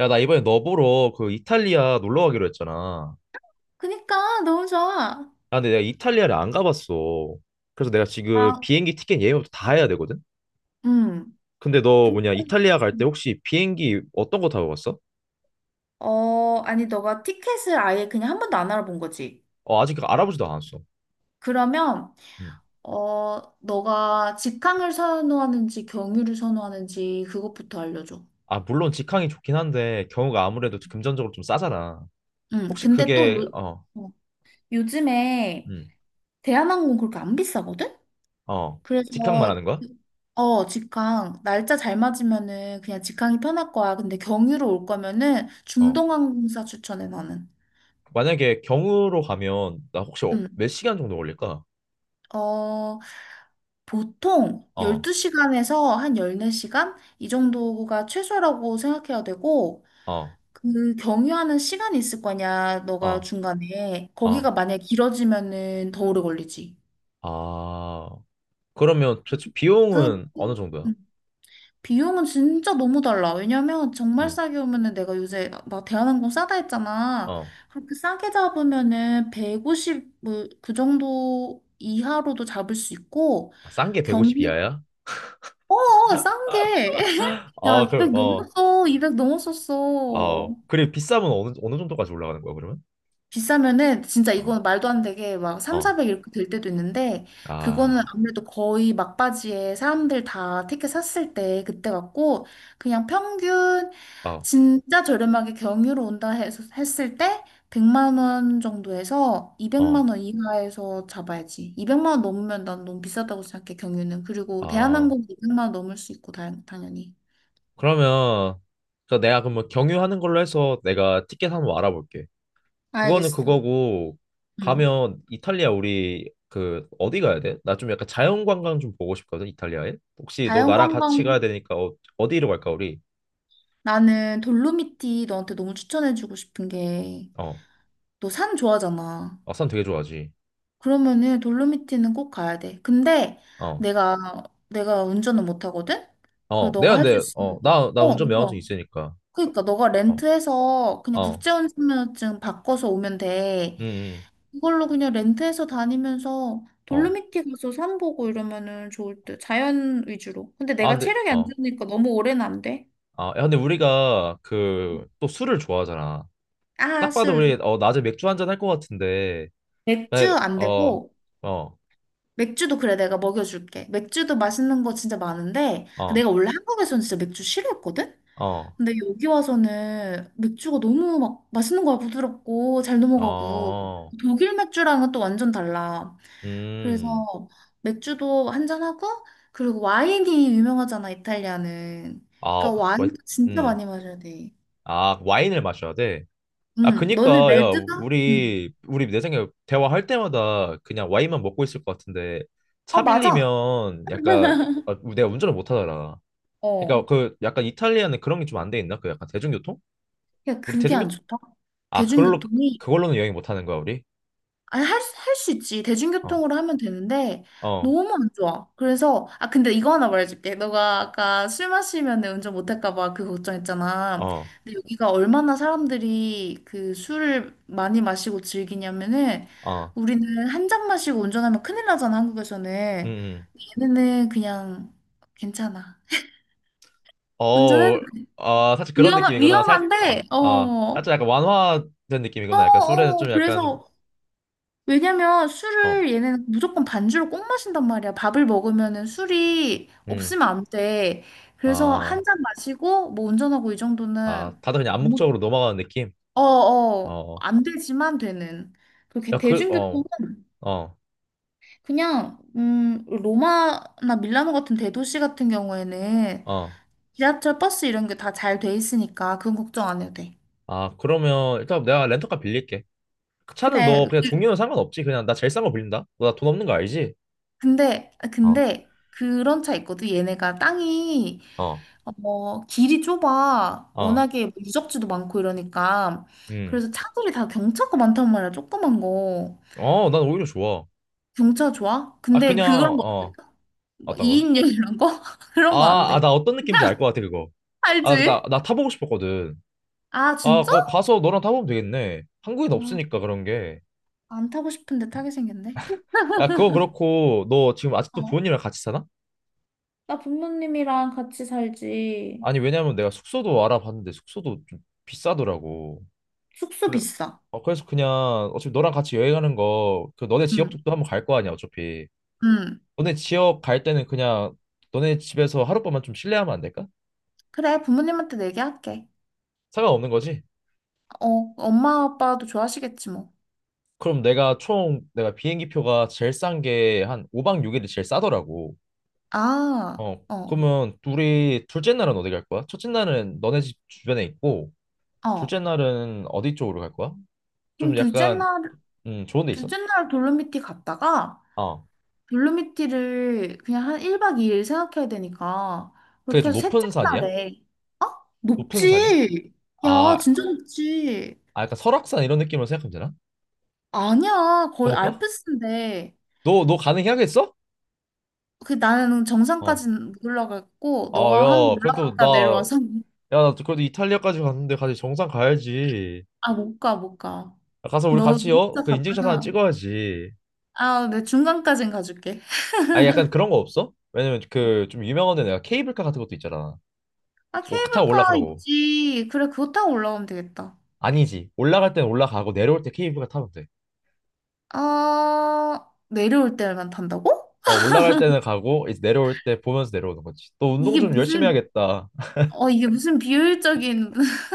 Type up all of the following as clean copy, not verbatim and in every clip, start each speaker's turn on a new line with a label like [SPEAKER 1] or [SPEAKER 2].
[SPEAKER 1] 야, 나 이번에 너 보러 그 이탈리아 놀러 가기로 했잖아.
[SPEAKER 2] 그니까 너무 좋아.
[SPEAKER 1] 아, 근데 내가 이탈리아를 안 가봤어. 그래서 내가 지금
[SPEAKER 2] 아,
[SPEAKER 1] 비행기 티켓 예매부터 다 해야 되거든?
[SPEAKER 2] 음.
[SPEAKER 1] 근데 너 뭐냐, 이탈리아 갈 때 혹시 비행기 어떤 거 타고 갔어?
[SPEAKER 2] 어, 아니, 너가 티켓을 아예 그냥 한 번도 안 알아본 거지.
[SPEAKER 1] 어, 아직 알아보지도 않았어.
[SPEAKER 2] 그러면,
[SPEAKER 1] 음.
[SPEAKER 2] 너가 직항을 선호하는지 경유를 선호하는지 그것부터 알려줘.
[SPEAKER 1] 아, 물론 직항이 좋긴 한데, 경우가 아무래도 금전적으로 좀 싸잖아. 혹시
[SPEAKER 2] 근데
[SPEAKER 1] 그게, 어,
[SPEAKER 2] 어, 요즘에
[SPEAKER 1] 음,
[SPEAKER 2] 대한항공 그렇게 안 비싸거든?
[SPEAKER 1] 어, 직항
[SPEAKER 2] 그래서.
[SPEAKER 1] 말하는 거야?
[SPEAKER 2] 어, 직항. 날짜 잘 맞으면은 그냥 직항이 편할 거야. 근데 경유로 올 거면은
[SPEAKER 1] 어.
[SPEAKER 2] 중동항공사 추천해, 나는.
[SPEAKER 1] 만약에 경유로 가면, 나 혹시
[SPEAKER 2] 음,
[SPEAKER 1] 몇 시간 정도 걸릴까?
[SPEAKER 2] 어, 보통
[SPEAKER 1] 어,
[SPEAKER 2] 12시간에서 한 14시간? 이 정도가 최소라고 생각해야 되고,
[SPEAKER 1] 어,
[SPEAKER 2] 그 경유하는 시간이 있을 거냐, 너가
[SPEAKER 1] 어,
[SPEAKER 2] 중간에.
[SPEAKER 1] 어.
[SPEAKER 2] 거기가 만약에 길어지면은 더 오래 걸리지.
[SPEAKER 1] 아, 그러면 도대체 비용은 어느
[SPEAKER 2] 생각해보지.
[SPEAKER 1] 정도야?
[SPEAKER 2] 응. 비용은 진짜 너무 달라. 왜냐면 정말
[SPEAKER 1] 음.
[SPEAKER 2] 싸게 오면은 내가 요새 막 대한항공 싸다 했잖아.
[SPEAKER 1] 어.
[SPEAKER 2] 그렇게 싸게 잡으면은 150, 뭐, 그 정도 이하로도 잡을 수 있고,
[SPEAKER 1] 아, 싼게
[SPEAKER 2] 경유
[SPEAKER 1] 150 이하야?
[SPEAKER 2] 싼 게. 야,
[SPEAKER 1] 아, 그럼
[SPEAKER 2] 200
[SPEAKER 1] 어.
[SPEAKER 2] 넘었어. 200
[SPEAKER 1] 어.
[SPEAKER 2] 넘었었어.
[SPEAKER 1] 그리고 비싸면 어느 정도까지 올라가는 거야, 그러면?
[SPEAKER 2] 비싸면은 진짜
[SPEAKER 1] 어.
[SPEAKER 2] 이건 말도 안 되게 막 3,
[SPEAKER 1] 어.
[SPEAKER 2] 400 이렇게 될 때도 있는데, 그거는
[SPEAKER 1] 아.
[SPEAKER 2] 아무래도 거의 막바지에 사람들 다 티켓 샀을 때 그때 같고, 그냥 평균
[SPEAKER 1] 어.
[SPEAKER 2] 진짜 저렴하게 경유로 온다 해서 했을 때 100만 원 정도에서
[SPEAKER 1] 어.
[SPEAKER 2] 200만 원 이하에서 잡아야지. 200만 원 넘으면 난 너무 비싸다고 생각해, 경유는. 그리고
[SPEAKER 1] 아.
[SPEAKER 2] 대한항공 200만 원 넘을 수 있고 당연히.
[SPEAKER 1] 그러면 그 내가 그러면 경유하는 걸로 해서 내가 티켓 한번 알아볼게. 그거는
[SPEAKER 2] 알겠어.
[SPEAKER 1] 그거고
[SPEAKER 2] 음.
[SPEAKER 1] 가면 이탈리아 우리 그 어디 가야 돼? 나 좀 약간 자연 관광 좀 보고 싶거든, 이탈리아에. 혹시 너 나랑
[SPEAKER 2] 자연관광.
[SPEAKER 1] 같이 가야 되니까 어, 어디로 갈까 우리?
[SPEAKER 2] 나는 돌로미티 너한테 너무 추천해주고 싶은 게,
[SPEAKER 1] 어.
[SPEAKER 2] 너 산 좋아하잖아.
[SPEAKER 1] 아산 되게 좋아하지.
[SPEAKER 2] 그러면은 돌로미티는 꼭 가야 돼. 근데
[SPEAKER 1] 어,
[SPEAKER 2] 내가 내가 운전은 못 하거든. 그래,
[SPEAKER 1] 어, 내가
[SPEAKER 2] 너가 할 수
[SPEAKER 1] 근데, 어,
[SPEAKER 2] 있으면,
[SPEAKER 1] 나
[SPEAKER 2] 어
[SPEAKER 1] 운전 면허증
[SPEAKER 2] 너가
[SPEAKER 1] 있으니까,
[SPEAKER 2] 그러니까 너가
[SPEAKER 1] 어,
[SPEAKER 2] 렌트해서 그냥
[SPEAKER 1] 어,
[SPEAKER 2] 국제운전면허증 바꿔서 오면 돼.
[SPEAKER 1] 응, 응,
[SPEAKER 2] 그걸로 그냥 렌트해서 다니면서
[SPEAKER 1] 어,
[SPEAKER 2] 돌로미티 가서 산 보고 이러면은 좋을 듯. 자연 위주로. 근데
[SPEAKER 1] 아,
[SPEAKER 2] 내가
[SPEAKER 1] 근데,
[SPEAKER 2] 체력이 안
[SPEAKER 1] 어,
[SPEAKER 2] 좋으니까 너무 오래는 안 돼.
[SPEAKER 1] 아, 야, 근데 우리가 그, 또 술을 좋아하잖아.
[SPEAKER 2] 아.
[SPEAKER 1] 딱 봐도 우리,
[SPEAKER 2] 슬.
[SPEAKER 1] 어, 낮에 맥주 한잔 할 것 같은데, 나,
[SPEAKER 2] 맥주 안
[SPEAKER 1] 어,
[SPEAKER 2] 되고.
[SPEAKER 1] 어,
[SPEAKER 2] 맥주도, 그래, 내가 먹여줄게. 맥주도 맛있는 거 진짜 많은데,
[SPEAKER 1] 어,
[SPEAKER 2] 내가 원래 한국에서는 진짜 맥주 싫어했거든?
[SPEAKER 1] 어,
[SPEAKER 2] 근데 여기 와서는 맥주가 너무 막 맛있는 거야. 부드럽고 잘 넘어가고,
[SPEAKER 1] 어,
[SPEAKER 2] 독일 맥주랑은 또 완전 달라. 그래서
[SPEAKER 1] 음,
[SPEAKER 2] 맥주도 한 잔하고, 그리고 와인이 유명하잖아, 이탈리아는. 그러니까
[SPEAKER 1] 아, 와,
[SPEAKER 2] 와인 진짜
[SPEAKER 1] 음,
[SPEAKER 2] 많이 마셔야 돼.
[SPEAKER 1] 아, 와인을 마셔야 돼. 아,
[SPEAKER 2] 응, 너는
[SPEAKER 1] 그니까, 야,
[SPEAKER 2] 레드가? 응.
[SPEAKER 1] 우리 내 생각에 대화할 때마다 그냥 와인만 먹고 있을 것 같은데,
[SPEAKER 2] 아,
[SPEAKER 1] 차
[SPEAKER 2] 맞아.
[SPEAKER 1] 빌리면 약간, 아, 내가 운전을 못 하잖아.
[SPEAKER 2] 어.
[SPEAKER 1] 그니까 그 약간 이탈리아는 그런 게 좀 안 돼 있나? 그 약간 대중교통?
[SPEAKER 2] 야,
[SPEAKER 1] 우리
[SPEAKER 2] 그게
[SPEAKER 1] 대중교,
[SPEAKER 2] 안 좋다.
[SPEAKER 1] 아, 그걸로,
[SPEAKER 2] 대중교통이,
[SPEAKER 1] 그걸로는 여행 못 하는 거야, 우리?
[SPEAKER 2] 아니, 할 수 있지.
[SPEAKER 1] 어,
[SPEAKER 2] 대중교통으로 하면 되는데,
[SPEAKER 1] 어,
[SPEAKER 2] 너무 안 좋아. 그래서, 아, 근데 이거 하나 말해줄게. 너가 아까 술 마시면 운전 못할까봐 그 걱정했잖아.
[SPEAKER 1] 어,
[SPEAKER 2] 근데 여기가 얼마나 사람들이 그 술을 많이 마시고 즐기냐면은,
[SPEAKER 1] 어,
[SPEAKER 2] 우리는 한 잔 마시고 운전하면 큰일 나잖아,
[SPEAKER 1] 음,
[SPEAKER 2] 한국에서는.
[SPEAKER 1] 음.
[SPEAKER 2] 얘네는 그냥 괜찮아.
[SPEAKER 1] 어,
[SPEAKER 2] 운전해도
[SPEAKER 1] 아, 사실 그런
[SPEAKER 2] 위험,
[SPEAKER 1] 느낌이구나. 아,
[SPEAKER 2] 위험한데, 어.
[SPEAKER 1] 아,
[SPEAKER 2] 어.
[SPEAKER 1] 살짝 약간 완화된 느낌이구나. 약간 술에는
[SPEAKER 2] 어,
[SPEAKER 1] 좀 약간,
[SPEAKER 2] 그래서, 왜냐면
[SPEAKER 1] 좀, 어,
[SPEAKER 2] 술을 얘네는 무조건 반주로 꼭 마신단 말이야. 밥을 먹으면은 술이
[SPEAKER 1] 음,
[SPEAKER 2] 없으면 안 돼. 그래서 한
[SPEAKER 1] 아,
[SPEAKER 2] 잔 마시고 뭐 운전하고 이
[SPEAKER 1] 아,
[SPEAKER 2] 정도는,
[SPEAKER 1] 다들 그냥
[SPEAKER 2] 아무
[SPEAKER 1] 암묵적으로 넘어가는 느낌? 어.
[SPEAKER 2] 어어
[SPEAKER 1] 어.
[SPEAKER 2] 안 되지만 되는. 그렇게
[SPEAKER 1] 야, 그, 어,
[SPEAKER 2] 대중교통은
[SPEAKER 1] 어,
[SPEAKER 2] 그냥 로마나 밀라노 같은 대도시 같은 경우에는
[SPEAKER 1] 어.
[SPEAKER 2] 지하철, 버스 이런 게 다 잘 돼 있으니까 그건 걱정 안 해도 돼.
[SPEAKER 1] 아, 그러면 일단 내가 렌터카 빌릴게. 그 차는 너
[SPEAKER 2] 그래.
[SPEAKER 1] 그냥 종류는 상관없지. 그냥 나 제일 싼 거 빌린다. 너 나 돈 없는 거 알지?
[SPEAKER 2] 근데,
[SPEAKER 1] 어,
[SPEAKER 2] 근데 그런 차 있거든. 얘네가
[SPEAKER 1] 어,
[SPEAKER 2] 길이 좁아.
[SPEAKER 1] 어,
[SPEAKER 2] 워낙에 뭐 유적지도 많고 이러니까.
[SPEAKER 1] 음.
[SPEAKER 2] 그래서 차들이 다 경차가 많단 말이야. 조그만 거.
[SPEAKER 1] 어, 난 오히려 좋아.
[SPEAKER 2] 경차 좋아?
[SPEAKER 1] 아,
[SPEAKER 2] 근데
[SPEAKER 1] 그냥,
[SPEAKER 2] 그런 거,
[SPEAKER 1] 어,
[SPEAKER 2] 뭐
[SPEAKER 1] 어떤 거?
[SPEAKER 2] 2인용 이런 거? 그런 거 안
[SPEAKER 1] 아, 아,
[SPEAKER 2] 돼.
[SPEAKER 1] 나 어떤 느낌인지 알 것 같아, 그거. 아, 나,
[SPEAKER 2] 알지?
[SPEAKER 1] 나 타보고 싶었거든.
[SPEAKER 2] 아,
[SPEAKER 1] 아,
[SPEAKER 2] 진짜?
[SPEAKER 1] 거 가서 너랑 타보면 되겠네. 한국엔
[SPEAKER 2] 아,
[SPEAKER 1] 없으니까 그런 게.
[SPEAKER 2] 안 타고 싶은데 타게 생겼네.
[SPEAKER 1] 야, 그건 그렇고, 너 지금 아직도
[SPEAKER 2] 어?
[SPEAKER 1] 부모님이랑 같이 사나?
[SPEAKER 2] 나 부모님이랑 같이 살지.
[SPEAKER 1] 아니, 왜냐면 내가 숙소도 알아봤는데 숙소도 좀 비싸더라고.
[SPEAKER 2] 숙소
[SPEAKER 1] 그래,
[SPEAKER 2] 비싸.
[SPEAKER 1] 어, 그래서 그냥 어차피 너랑 같이 여행하는 거, 그 너네 지역
[SPEAKER 2] 응,
[SPEAKER 1] 쪽도 한번 갈 거 아니야, 어차피.
[SPEAKER 2] 응.
[SPEAKER 1] 너네 지역 갈 때는 그냥 너네 집에서 하룻밤만 좀 실내하면 안 될까?
[SPEAKER 2] 그래, 부모님한테 얘기할게.
[SPEAKER 1] 상관없는 거지?
[SPEAKER 2] 어, 엄마 아빠도 좋아하시겠지 뭐.
[SPEAKER 1] 그럼 내가 비행기 표가 제일 싼 게 한 5박 6일이 제일 싸더라고.
[SPEAKER 2] 아,
[SPEAKER 1] 어,
[SPEAKER 2] 어,
[SPEAKER 1] 그러면 둘이 둘째 날은 어디 갈 거야? 첫째 날은 너네 집 주변에 있고,
[SPEAKER 2] 어.
[SPEAKER 1] 둘째 날은 어디 쪽으로 갈 거야?
[SPEAKER 2] 그럼
[SPEAKER 1] 좀
[SPEAKER 2] 둘째
[SPEAKER 1] 약간,
[SPEAKER 2] 날,
[SPEAKER 1] 좋은 데 있어?
[SPEAKER 2] 둘째 날 돌로미티 갔다가,
[SPEAKER 1] 어,
[SPEAKER 2] 돌로미티를 그냥 한 1박 2일 생각해야 되니까
[SPEAKER 1] 그게
[SPEAKER 2] 그렇게
[SPEAKER 1] 좀
[SPEAKER 2] 해서 셋째
[SPEAKER 1] 높은 산이야?
[SPEAKER 2] 날에. 어?
[SPEAKER 1] 높은 산이야?
[SPEAKER 2] 높지? 야,
[SPEAKER 1] 아,
[SPEAKER 2] 진짜 높지?
[SPEAKER 1] 아, 약간 설악산 이런 느낌으로 생각하면 되나?
[SPEAKER 2] 아니야, 거의
[SPEAKER 1] 번호가?
[SPEAKER 2] 알프스인데.
[SPEAKER 1] 너 가능해야겠어?
[SPEAKER 2] 그 나는
[SPEAKER 1] 어.
[SPEAKER 2] 정상까지 못 올라갔고
[SPEAKER 1] 아,
[SPEAKER 2] 너가 한
[SPEAKER 1] 야,
[SPEAKER 2] 번
[SPEAKER 1] 그래도
[SPEAKER 2] 올라갔다
[SPEAKER 1] 나,
[SPEAKER 2] 내려와서
[SPEAKER 1] 야, 나 그래도 이탈리아까지 갔는데 같이 정상 가야지.
[SPEAKER 2] 아, 못 가, 못 가.
[SPEAKER 1] 가서 우리
[SPEAKER 2] 너
[SPEAKER 1] 같이, 어?
[SPEAKER 2] 진짜
[SPEAKER 1] 그 인증샷 하나
[SPEAKER 2] 갔다가,
[SPEAKER 1] 찍어야지.
[SPEAKER 2] 아, 내 중간까진 가줄게.
[SPEAKER 1] 아니, 약간 그런 거 없어? 왜냐면 그 좀 유명한 데 내가 케이블카 같은 것도 있잖아.
[SPEAKER 2] 아,
[SPEAKER 1] 그거 타고
[SPEAKER 2] 케이블카
[SPEAKER 1] 올라가라고.
[SPEAKER 2] 있지. 그래, 그거 타고 올라오면 되겠다.
[SPEAKER 1] 아니지. 올라갈 때는 올라가고 내려올 때 케이블카 타면 돼.
[SPEAKER 2] 아, 내려올 때만 탄다고?
[SPEAKER 1] 어, 올라갈 때는 가고 이제 내려올 때 보면서 내려오는 거지. 또 운동
[SPEAKER 2] 이게
[SPEAKER 1] 좀 열심히
[SPEAKER 2] 무슨,
[SPEAKER 1] 해야겠다.
[SPEAKER 2] 이게 무슨 비효율적인.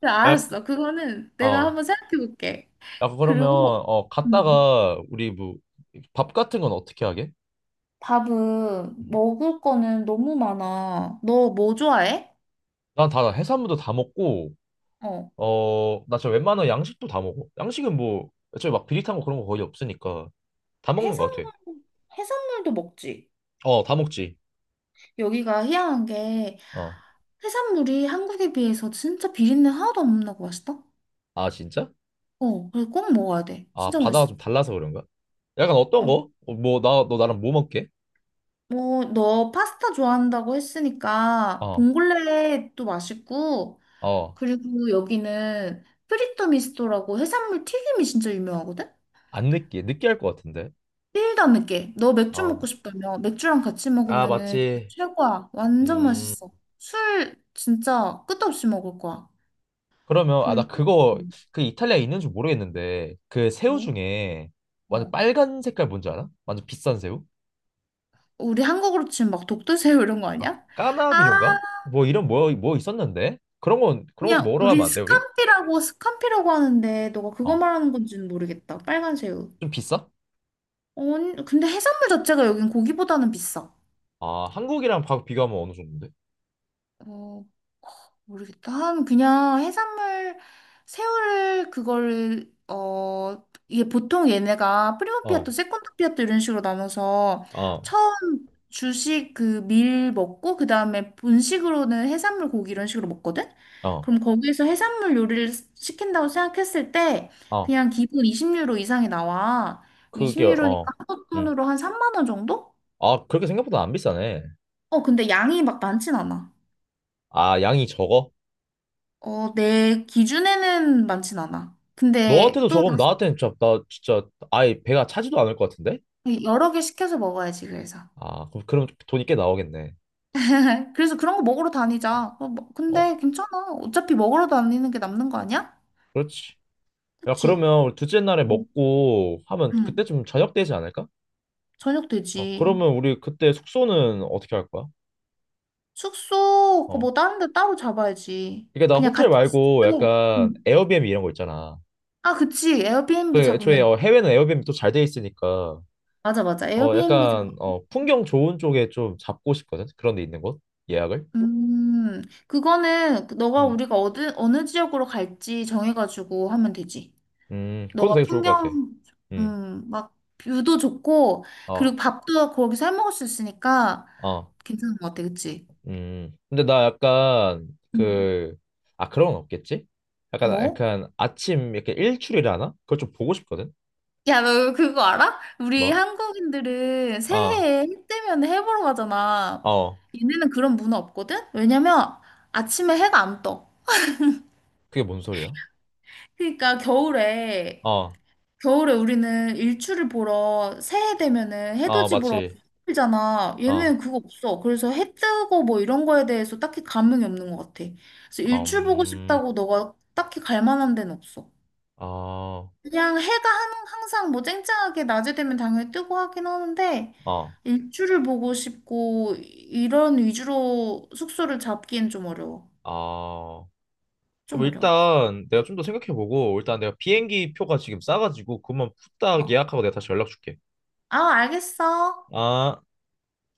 [SPEAKER 2] 그래,
[SPEAKER 1] 야,
[SPEAKER 2] 알았어. 그거는 내가
[SPEAKER 1] 어.
[SPEAKER 2] 한번 생각해 볼게.
[SPEAKER 1] 야, 그러면
[SPEAKER 2] 그리고,
[SPEAKER 1] 어
[SPEAKER 2] 음,
[SPEAKER 1] 갔다가 우리 뭐 밥 같은 건 어떻게 하게?
[SPEAKER 2] 밥은 먹을 거는 너무 많아. 너 뭐 좋아해?
[SPEAKER 1] 난 다 해산물도 다 먹고
[SPEAKER 2] 어,
[SPEAKER 1] 어 나 진짜 웬만한 양식도 다 먹어. 양식은 뭐 애초에 막 비릿한 거 그런 거 거의 없으니까 다 먹는 것 같아.
[SPEAKER 2] 해산물, 해산물도 먹지.
[SPEAKER 1] 어 다 먹지.
[SPEAKER 2] 여기가 희한한 게
[SPEAKER 1] 어.
[SPEAKER 2] 해산물이 한국에 비해서 진짜 비린내 하나도 안 나고 맛있다.
[SPEAKER 1] 아 진짜?
[SPEAKER 2] 어, 그래서 꼭 먹어야 돼.
[SPEAKER 1] 아
[SPEAKER 2] 진짜
[SPEAKER 1] 바다가
[SPEAKER 2] 맛있어.
[SPEAKER 1] 좀 달라서 그런가? 약간 어떤
[SPEAKER 2] 어,
[SPEAKER 1] 거? 어, 뭐 나 너 나랑 뭐 먹게?
[SPEAKER 2] 뭐, 너 파스타 좋아한다고 했으니까
[SPEAKER 1] 어.
[SPEAKER 2] 봉골레도 맛있고,
[SPEAKER 1] 어.
[SPEAKER 2] 그리고 여기는 프리토 미스토라고 해산물 튀김이 진짜 유명하거든?
[SPEAKER 1] 안 느끼해. 느끼할 것 같은데.
[SPEAKER 2] 일도 안 맵게. 너 맥주 먹고
[SPEAKER 1] 음.
[SPEAKER 2] 싶다며. 맥주랑 같이
[SPEAKER 1] 아
[SPEAKER 2] 먹으면은 진짜
[SPEAKER 1] 맞지.
[SPEAKER 2] 최고야. 완전
[SPEAKER 1] 음.
[SPEAKER 2] 맛있어. 술 진짜 끝도 없이 먹을 거야.
[SPEAKER 1] 그러면 아 나
[SPEAKER 2] 그리고.
[SPEAKER 1] 그거
[SPEAKER 2] 음,
[SPEAKER 1] 그 이탈리아에 있는 줄 모르겠는데 그 새우
[SPEAKER 2] 뭐?
[SPEAKER 1] 중에 완전
[SPEAKER 2] 어.
[SPEAKER 1] 빨간 색깔 뭔지 알아? 완전 비싼 새우?
[SPEAKER 2] 우리 한국으로 치면 막 독도새우 이런 거
[SPEAKER 1] 아,
[SPEAKER 2] 아니야? 아,
[SPEAKER 1] 까나비료인가? 뭐 이런 뭐, 뭐 있었는데? 그런 건 그런 것도
[SPEAKER 2] 그냥
[SPEAKER 1] 먹으러
[SPEAKER 2] 우리
[SPEAKER 1] 가면 안 돼, 우리?
[SPEAKER 2] 스캄피라고 하는데, 너가 그거
[SPEAKER 1] 어.
[SPEAKER 2] 말하는 건지는 모르겠다. 빨간 새우.
[SPEAKER 1] 좀 비싸?
[SPEAKER 2] 어, 근데 해산물 자체가 여긴 고기보다는 비싸.
[SPEAKER 1] 아, 한국이랑 비교하면 어느 정도인데?
[SPEAKER 2] 어, 모르겠다. 한 그냥 해산물, 새우를 그걸, 이게 보통 얘네가 프리모
[SPEAKER 1] 어.
[SPEAKER 2] 피아토, 세컨드 피아토 이런 식으로 나눠서
[SPEAKER 1] 어.
[SPEAKER 2] 처음 주식, 그 밀 먹고 그다음에 본식으로는 해산물, 고기 이런 식으로 먹거든.
[SPEAKER 1] 어.
[SPEAKER 2] 그럼 거기에서 해산물 요리를 시킨다고 생각했을 때
[SPEAKER 1] 어.
[SPEAKER 2] 그냥 기본 20유로 이상이 나와.
[SPEAKER 1] 그게
[SPEAKER 2] 20유로니까
[SPEAKER 1] 어.
[SPEAKER 2] 한국
[SPEAKER 1] 음.
[SPEAKER 2] 돈으로 한 3만 원 정도?
[SPEAKER 1] 아, 그렇게 생각보다 안 비싸네.
[SPEAKER 2] 어, 근데 양이 막 많진 않아.
[SPEAKER 1] 아, 양이 적어?
[SPEAKER 2] 어, 내 기준에는 많진 않아. 근데
[SPEAKER 1] 너한테도
[SPEAKER 2] 또
[SPEAKER 1] 적으면
[SPEAKER 2] 다시
[SPEAKER 1] 나한테는 진짜 나 진짜 아예 배가 차지도 않을 것 같은데?
[SPEAKER 2] 여러 개 시켜서 먹어야지, 그래서.
[SPEAKER 1] 아, 그럼 돈이 꽤 나오겠네.
[SPEAKER 2] 그래서 그런 거 먹으러 다니자. 어,
[SPEAKER 1] 어.
[SPEAKER 2] 근데 괜찮아. 어차피 먹으러 다니는 게 남는 거 아니야?
[SPEAKER 1] 그렇지. 야,
[SPEAKER 2] 그치?
[SPEAKER 1] 그러면 우리 둘째 날에
[SPEAKER 2] 응.
[SPEAKER 1] 먹고 하면
[SPEAKER 2] 응.
[SPEAKER 1] 그때쯤 저녁 되지 않을까?
[SPEAKER 2] 저녁
[SPEAKER 1] 어,
[SPEAKER 2] 되지.
[SPEAKER 1] 그러면 우리 그때 숙소는 어떻게 할 거야?
[SPEAKER 2] 숙소, 그뭐
[SPEAKER 1] 어.
[SPEAKER 2] 다른 데 따로 잡아야지.
[SPEAKER 1] 그러니까 나
[SPEAKER 2] 그냥
[SPEAKER 1] 호텔
[SPEAKER 2] 같은
[SPEAKER 1] 말고
[SPEAKER 2] 숙소에.
[SPEAKER 1] 약간
[SPEAKER 2] 응.
[SPEAKER 1] 에어비앤비 이런 거 있잖아.
[SPEAKER 2] 아, 그치.
[SPEAKER 1] 그
[SPEAKER 2] 에어비앤비
[SPEAKER 1] 애초에
[SPEAKER 2] 잡으면
[SPEAKER 1] 어,
[SPEAKER 2] 돼.
[SPEAKER 1] 해외는 에어비앤비 또 잘 돼 있으니까
[SPEAKER 2] 맞아, 맞아.
[SPEAKER 1] 어
[SPEAKER 2] 에어비앤비.
[SPEAKER 1] 약간 어 풍경 좋은 쪽에 좀 잡고 싶거든. 그런 데 있는 곳 예약을.
[SPEAKER 2] 음, 그거는 너가,
[SPEAKER 1] 음,
[SPEAKER 2] 우리가 어느 지역으로 갈지 정해가지고 하면 되지.
[SPEAKER 1] 그것도
[SPEAKER 2] 너가
[SPEAKER 1] 되게 좋을 것 같아.
[SPEAKER 2] 풍경,
[SPEAKER 1] 음,
[SPEAKER 2] 막 뷰도 좋고, 그리고
[SPEAKER 1] 어,
[SPEAKER 2] 밥도 거기서 해 먹을 수 있으니까
[SPEAKER 1] 어,
[SPEAKER 2] 괜찮은 것 같아, 그치?
[SPEAKER 1] 근데 나 약간
[SPEAKER 2] 음.
[SPEAKER 1] 그 아 그런 건 없겠지? 약간
[SPEAKER 2] 뭐?
[SPEAKER 1] 약간 아침 이렇게 일출이라 하나? 그걸 좀 보고 싶거든.
[SPEAKER 2] 야, 너 그거 알아? 우리
[SPEAKER 1] 뭐?
[SPEAKER 2] 한국인들은
[SPEAKER 1] 어,
[SPEAKER 2] 새해에 해 뜨면 해 보러 가잖아.
[SPEAKER 1] 어.
[SPEAKER 2] 얘네는 그런 문화 없거든? 왜냐면 아침에 해가 안 떠.
[SPEAKER 1] 그게 뭔 소리야?
[SPEAKER 2] 그러니까 겨울에
[SPEAKER 1] 어,
[SPEAKER 2] 겨울에 우리는 일출을 보러 새해 되면은
[SPEAKER 1] 어,
[SPEAKER 2] 해돋이 보러
[SPEAKER 1] 맞지.
[SPEAKER 2] 가잖아. 얘는
[SPEAKER 1] 어,
[SPEAKER 2] 그거 없어. 그래서 해 뜨고 뭐 이런 거에 대해서 딱히 감흥이 없는 것 같아. 그래서 일출 보고
[SPEAKER 1] 음,
[SPEAKER 2] 싶다고 너가 딱히 갈 만한 데는 없어.
[SPEAKER 1] 어.
[SPEAKER 2] 그냥 해가 항상 뭐 쨍쨍하게 낮에 되면 당연히 뜨고 하긴 하는데,
[SPEAKER 1] 어.
[SPEAKER 2] 일출을 보고 싶고 이런 위주로 숙소를 잡기엔 좀 어려워.
[SPEAKER 1] 아. 그럼
[SPEAKER 2] 좀 어려워.
[SPEAKER 1] 일단 내가 좀 더 생각해보고 일단 내가 비행기 표가 지금 싸가지고 그것만 후딱
[SPEAKER 2] 어.
[SPEAKER 1] 예약하고 내가 다시 연락 줄게.
[SPEAKER 2] 아, 알겠어.
[SPEAKER 1] 아.